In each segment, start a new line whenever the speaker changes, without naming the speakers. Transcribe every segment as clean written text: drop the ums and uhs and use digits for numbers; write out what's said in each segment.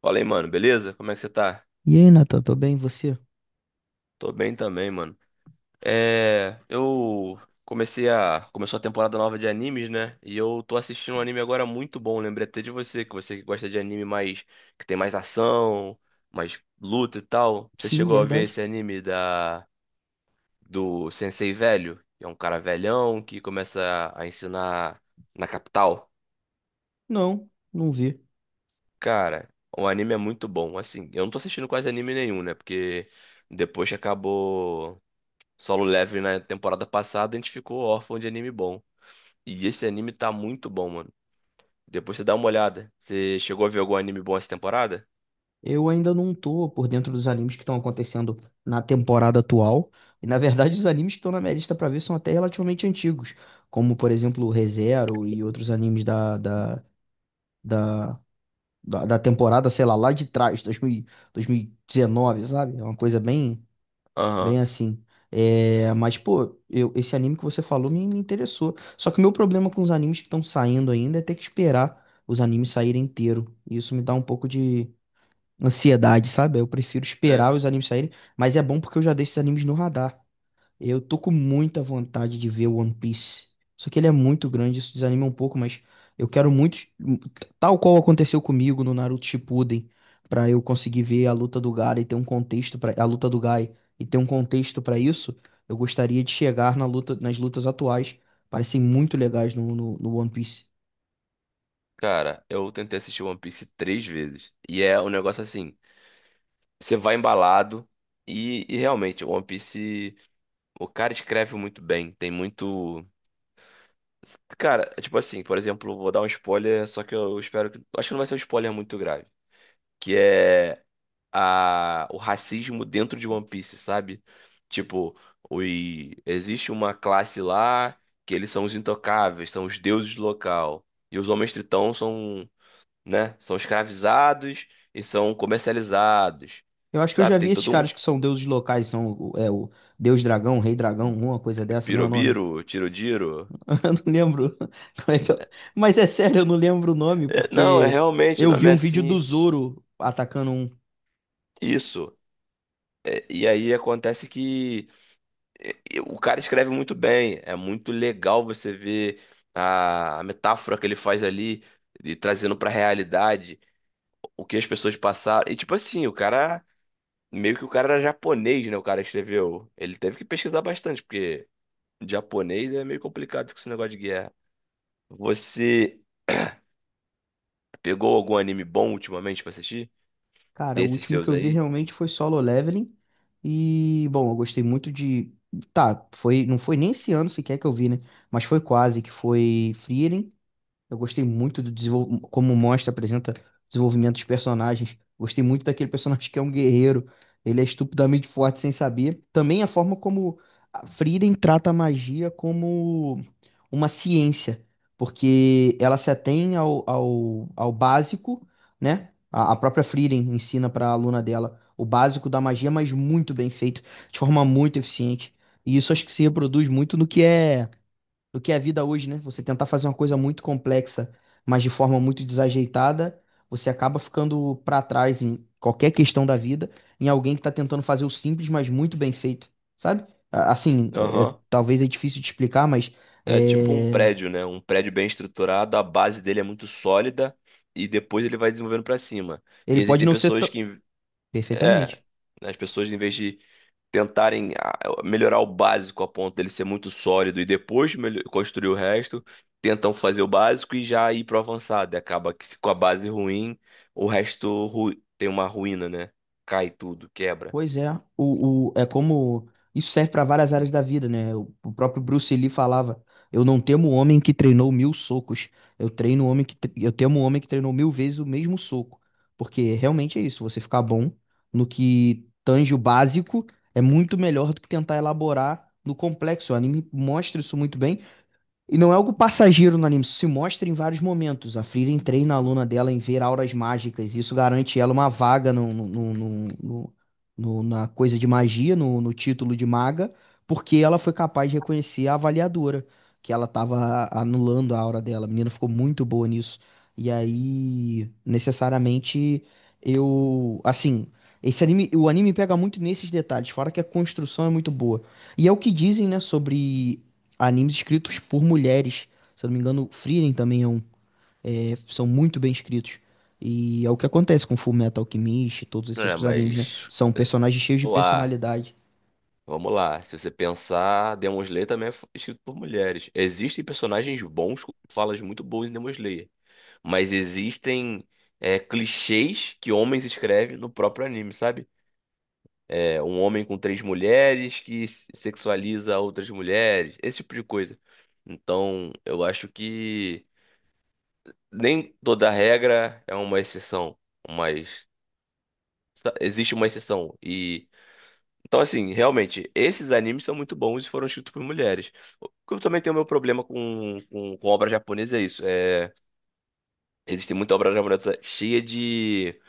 Fala aí, mano, beleza? Como é que você tá?
E aí, Nathan, tô bem? E você?
Tô bem também, mano. Eu comecei a. Começou a temporada nova de animes, né? E eu tô assistindo um anime agora muito bom. Lembrei até de você que gosta de anime mais. Que tem mais ação, mais luta e tal. Você
Sim,
chegou a ver
verdade?
esse anime da. Do Sensei Velho? Que é um cara velhão que começa a ensinar na capital.
Não, não vi.
Cara, o anime é muito bom. Assim, eu não tô assistindo quase anime nenhum, né? Porque depois que acabou. Solo Leveling na temporada passada, a gente ficou órfão de anime bom. E esse anime tá muito bom, mano. Depois você dá uma olhada. Você chegou a ver algum anime bom essa temporada?
Eu ainda não tô por dentro dos animes que estão acontecendo na temporada atual. E na verdade, os animes que estão na minha lista pra ver são até relativamente antigos, como por exemplo o ReZero e outros animes da, da temporada, sei lá, lá de trás, dois dois mil dois mil e 2019, sabe? É uma coisa bem
Aham.
assim. É, mas, pô, esse anime que você falou me interessou. Só que o meu problema com os animes que estão saindo ainda é ter que esperar os animes saírem inteiro. E isso me dá um pouco de ansiedade, sabe? Eu prefiro esperar
É.
os animes saírem, mas é bom porque eu já deixo esses animes no radar. Eu tô com muita vontade de ver One Piece. Só que ele é muito grande, isso desanima um pouco, mas eu quero muito, tal qual aconteceu comigo no Naruto Shippuden, pra eu conseguir ver a luta do Gaara e ter um contexto para a luta do Gai e ter um contexto pra isso. Eu gostaria de chegar na luta, nas lutas atuais, parecem muito legais no One Piece.
Cara, eu tentei assistir One Piece três vezes. E é um negócio assim, você vai embalado e realmente, One Piece, o cara escreve muito bem. Tem muito. Cara, é tipo assim, por exemplo, vou dar um spoiler, só que eu espero que. Acho que não vai ser um spoiler muito grave. Que é. O racismo dentro de One Piece, sabe? Tipo, oi, existe uma classe lá que eles são os intocáveis, são os deuses do local. E os homens tritão são, né, são escravizados e são comercializados.
Eu acho que eu já
Sabe? Tem
vi esses
todo um
caras que são deuses locais, são o Deus Dragão, Rei Dragão, uma coisa dessa, não é o nome?
pirobiro, tirodiro.
Eu não lembro como é que eu- Mas é sério, eu não lembro o nome,
É, não, é
porque
realmente, o
eu vi
nome é
um vídeo do
assim.
Zoro atacando um.
Isso. É, e aí acontece que. E o cara escreve muito bem. É muito legal você ver a metáfora que ele faz ali, e trazendo pra realidade o que as pessoas passaram. E tipo assim, meio que o cara era japonês, né? O cara escreveu. Ele teve que pesquisar bastante, porque japonês é meio complicado com esse negócio de guerra. Você pegou algum anime bom ultimamente pra assistir?
Cara, o
Desses
último que
seus
eu vi
aí?
realmente foi Solo Leveling. E, bom, eu gostei muito de. Tá, não foi nem esse ano sequer que eu vi, né? Mas foi quase, que foi Frieren. Eu gostei muito como mostra, apresenta o desenvolvimento dos personagens. Gostei muito daquele personagem que é um guerreiro. Ele é estupidamente forte sem saber. Também a forma como a Frieren trata a magia como uma ciência, porque ela se atém ao básico, né? A própria Frieren ensina para a aluna dela o básico da magia, mas muito bem feito, de forma muito eficiente. E isso acho que se reproduz muito no que é do que é a vida hoje, né? Você tentar fazer uma coisa muito complexa, mas de forma muito desajeitada, você acaba ficando pra trás em qualquer questão da vida, em alguém que tá tentando fazer o simples, mas muito bem feito, sabe? Assim,
Aham.
talvez é difícil de explicar, mas
É tipo um
é,
prédio, né? Um prédio bem estruturado, a base dele é muito sólida e depois ele vai desenvolvendo pra cima. E
ele pode
existem
não ser tão.
é,
Perfeitamente.
né, as pessoas em vez de tentarem melhorar o básico a ponto dele ser muito sólido e depois construir o resto, tentam fazer o básico e já ir pro avançado. E acaba que se com a base ruim, o resto tem uma ruína, né? Cai tudo, quebra.
Pois é, é como isso serve para várias áreas da vida, né? O próprio Bruce Lee falava: "Eu não temo o homem que treinou mil socos, eu treino o homem que tre- eu temo o homem que treinou mil vezes o mesmo soco." Porque realmente é isso, você ficar bom no que tange o básico é muito melhor do que tentar elaborar no complexo. O anime mostra isso muito bem. E não é algo passageiro no anime, isso se mostra em vários momentos. A Frieren treina a aluna dela em ver auras mágicas, e isso garante ela uma vaga na coisa de magia, no título de maga, porque ela foi capaz de reconhecer a avaliadora, que ela estava anulando a aura dela. A menina ficou muito boa nisso. E aí, necessariamente, eu. Assim, o anime pega muito nesses detalhes, fora que a construção é muito boa. E é o que dizem, né, sobre animes escritos por mulheres. Se eu não me engano, Frieren também é um, são muito bem escritos. E é o que acontece com Fullmetal Alchemist e todos esses
É,
outros animes, né?
mas
São personagens cheios de
lá.
personalidade.
Vamos lá. Se você pensar, Demon Slayer também é escrito por mulheres. Existem personagens bons com falas muito boas em Demon Slayer, mas existem clichês que homens escrevem no próprio anime, sabe? É, um homem com três mulheres que sexualiza outras mulheres, esse tipo de coisa. Então, eu acho que nem toda regra é uma exceção, mas existe uma exceção. Então, assim, realmente, esses animes são muito bons e foram escritos por mulheres. O que eu também tenho meu problema com obra japonesa é isso. É, existe muita obra japonesa cheia de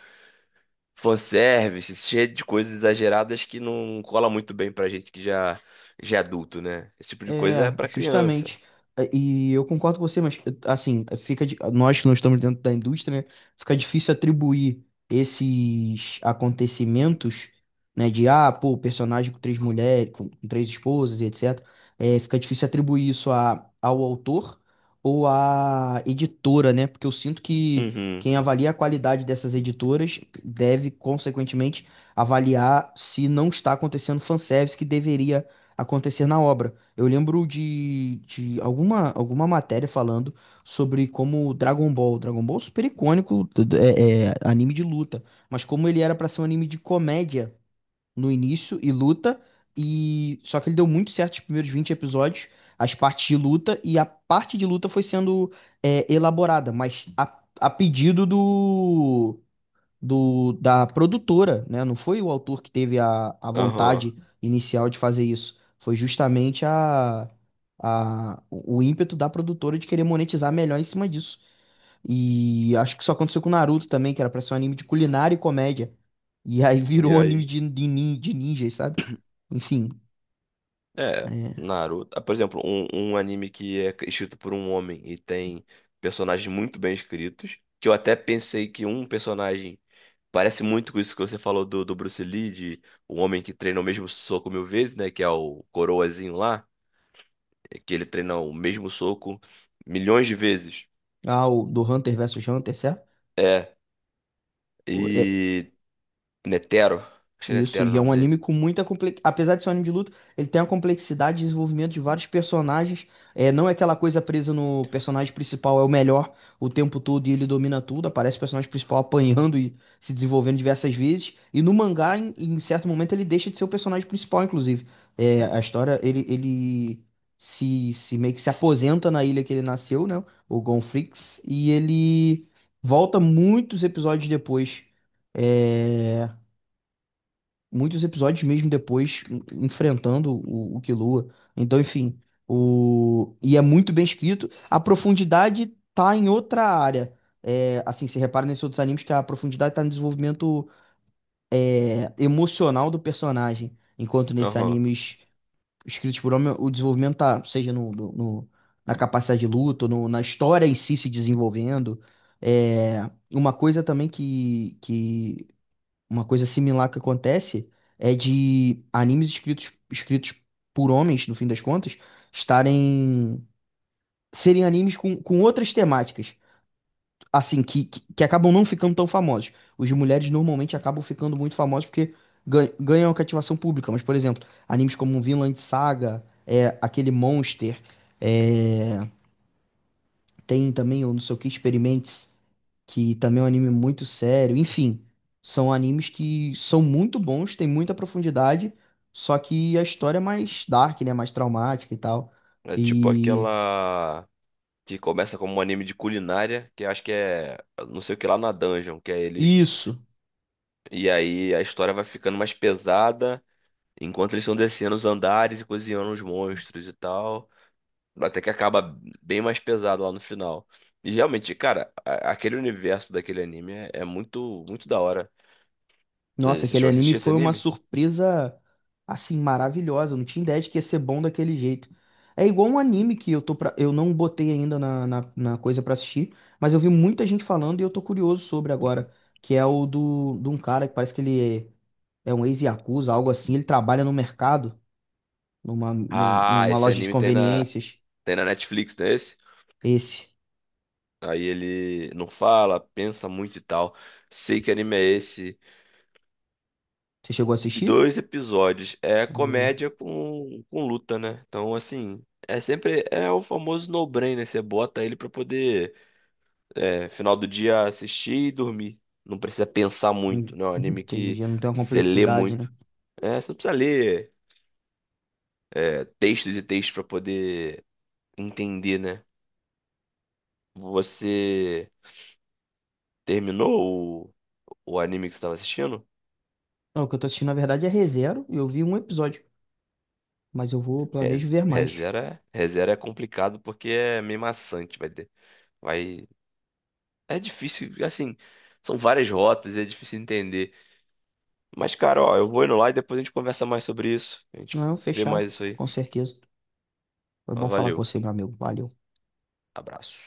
fanservice, cheia de coisas exageradas que não cola muito bem pra gente que já é adulto, né? Esse tipo de coisa é
É,
pra criança.
justamente. É. E eu concordo com você, mas assim, nós que não estamos dentro da indústria, né, fica difícil atribuir esses acontecimentos, né, de ah, pô, personagem com três mulheres, com três esposas e etc. É, fica difícil atribuir isso ao autor ou à editora, né? Porque eu sinto que
Uhum,
quem avalia a qualidade dessas editoras deve, consequentemente, avaliar se não está acontecendo fanservice que deveria acontecer na obra. Eu lembro de alguma matéria falando sobre como Dragon Ball, Dragon Ball é super icônico, é anime de luta, mas como ele era pra ser um anime de comédia no início e luta, e só que ele deu muito certo os primeiros 20 episódios, as partes de luta, e a parte de luta foi sendo elaborada, mas a pedido da produtora, né? Não foi o autor que teve a
aham.
vontade inicial de fazer isso. Foi justamente o ímpeto da produtora de querer monetizar melhor em cima disso. E acho que isso aconteceu com Naruto também, que era pra ser um anime de culinária e comédia. E aí virou
E
um anime
aí?
de ninjas, sabe? Enfim.
É,
É.
Naruto. Ah, por exemplo, um anime que é escrito por um homem e tem personagens muito bem escritos, que eu até pensei que um personagem parece muito com isso que você falou do Bruce Lee, de o homem que treina o mesmo soco mil vezes, né? Que é o Coroazinho lá, é que ele treina o mesmo soco milhões de vezes.
Ah, o do Hunter versus Hunter, certo?
É,
O- é-
e Netero, acho que é
Isso,
Netero o
e é um
nome dele.
anime com muita complexidade. Apesar de ser um anime de luta, ele tem uma complexidade de desenvolvimento de vários personagens. É, não é aquela coisa presa no personagem principal, é o melhor o tempo todo e ele domina tudo. Aparece o personagem principal apanhando e se desenvolvendo diversas vezes. E no mangá, em certo momento, ele deixa de ser o personagem principal, inclusive. É, a história, ele se meio que se aposenta na ilha que ele nasceu, né? O Gonfrix, e ele volta muitos episódios depois. É, muitos episódios mesmo depois enfrentando o Killua. Então, enfim, o e é muito bem escrito. A profundidade tá em outra área. É, assim, se repara nesses outros animes que a profundidade tá no desenvolvimento emocional do personagem, enquanto nesses
Aham.
animes escritos por homem, o desenvolvimento tá, seja na capacidade de luta, ou na história em si se desenvolvendo. É, uma coisa também que uma coisa similar que acontece é de animes escritos por homens, no fim das contas, estarem serem animes com outras temáticas, assim, que acabam não ficando tão famosos. Os de mulheres normalmente acabam ficando muito famosos porque ganham a cativação pública, mas, por exemplo, animes como Vinland Saga, aquele Monster, é, tem também o não sei o que, Experiments que também é um anime muito sério. Enfim, são animes que são muito bons, tem muita profundidade, só que a história é mais dark, né? Mais traumática e tal.
É tipo
E
aquela que começa como um anime de culinária, que eu acho que é não sei o que lá na dungeon, que é eles.
isso.
E aí a história vai ficando mais pesada, enquanto eles estão descendo os andares e cozinhando os monstros e tal. Até que acaba bem mais pesado lá no final. E realmente, cara, aquele universo daquele anime é muito, muito da hora.
Nossa,
Você
aquele
chegou a
anime
assistir esse
foi uma
anime?
surpresa assim maravilhosa. Eu não tinha ideia de que ia ser bom daquele jeito. É igual um anime que eu não botei ainda na coisa pra assistir, mas eu vi muita gente falando e eu tô curioso sobre agora, que é o do de um cara que parece que ele é um ex-yakuza, algo assim. Ele trabalha no mercado, numa, num-
Ah,
numa
esse
loja de
anime tem
conveniências.
tem na Netflix, não é esse?
Esse.
Aí ele não fala, pensa muito e tal. Sei que anime é esse.
Você chegou a
E
assistir?
dois episódios. É
Não,
comédia com luta, né? Então, assim, é sempre. É o famoso no-brainer. Você bota ele pra poder é, final do dia assistir e dormir. Não precisa pensar
não-
muito, né? É um
não
anime que
entendi, não tem uma
você lê
complexidade, né?
muito. É, você não precisa ler textos e textos pra poder entender, né? Você terminou o anime que você estava assistindo?
Não, o que eu tô assistindo, na verdade, é ReZero e eu vi um episódio. Mas planejo ver mais.
ReZero é complicado porque é meio maçante, vai ter, vai, é difícil, assim, são várias rotas, é difícil entender. Mas, cara, ó, eu vou indo lá e depois a gente conversa mais sobre isso. A gente
Não,
vê
fechado,
mais isso aí.
com certeza. Foi
Ó,
bom falar com
valeu,
você, meu amigo. Valeu.
abraço.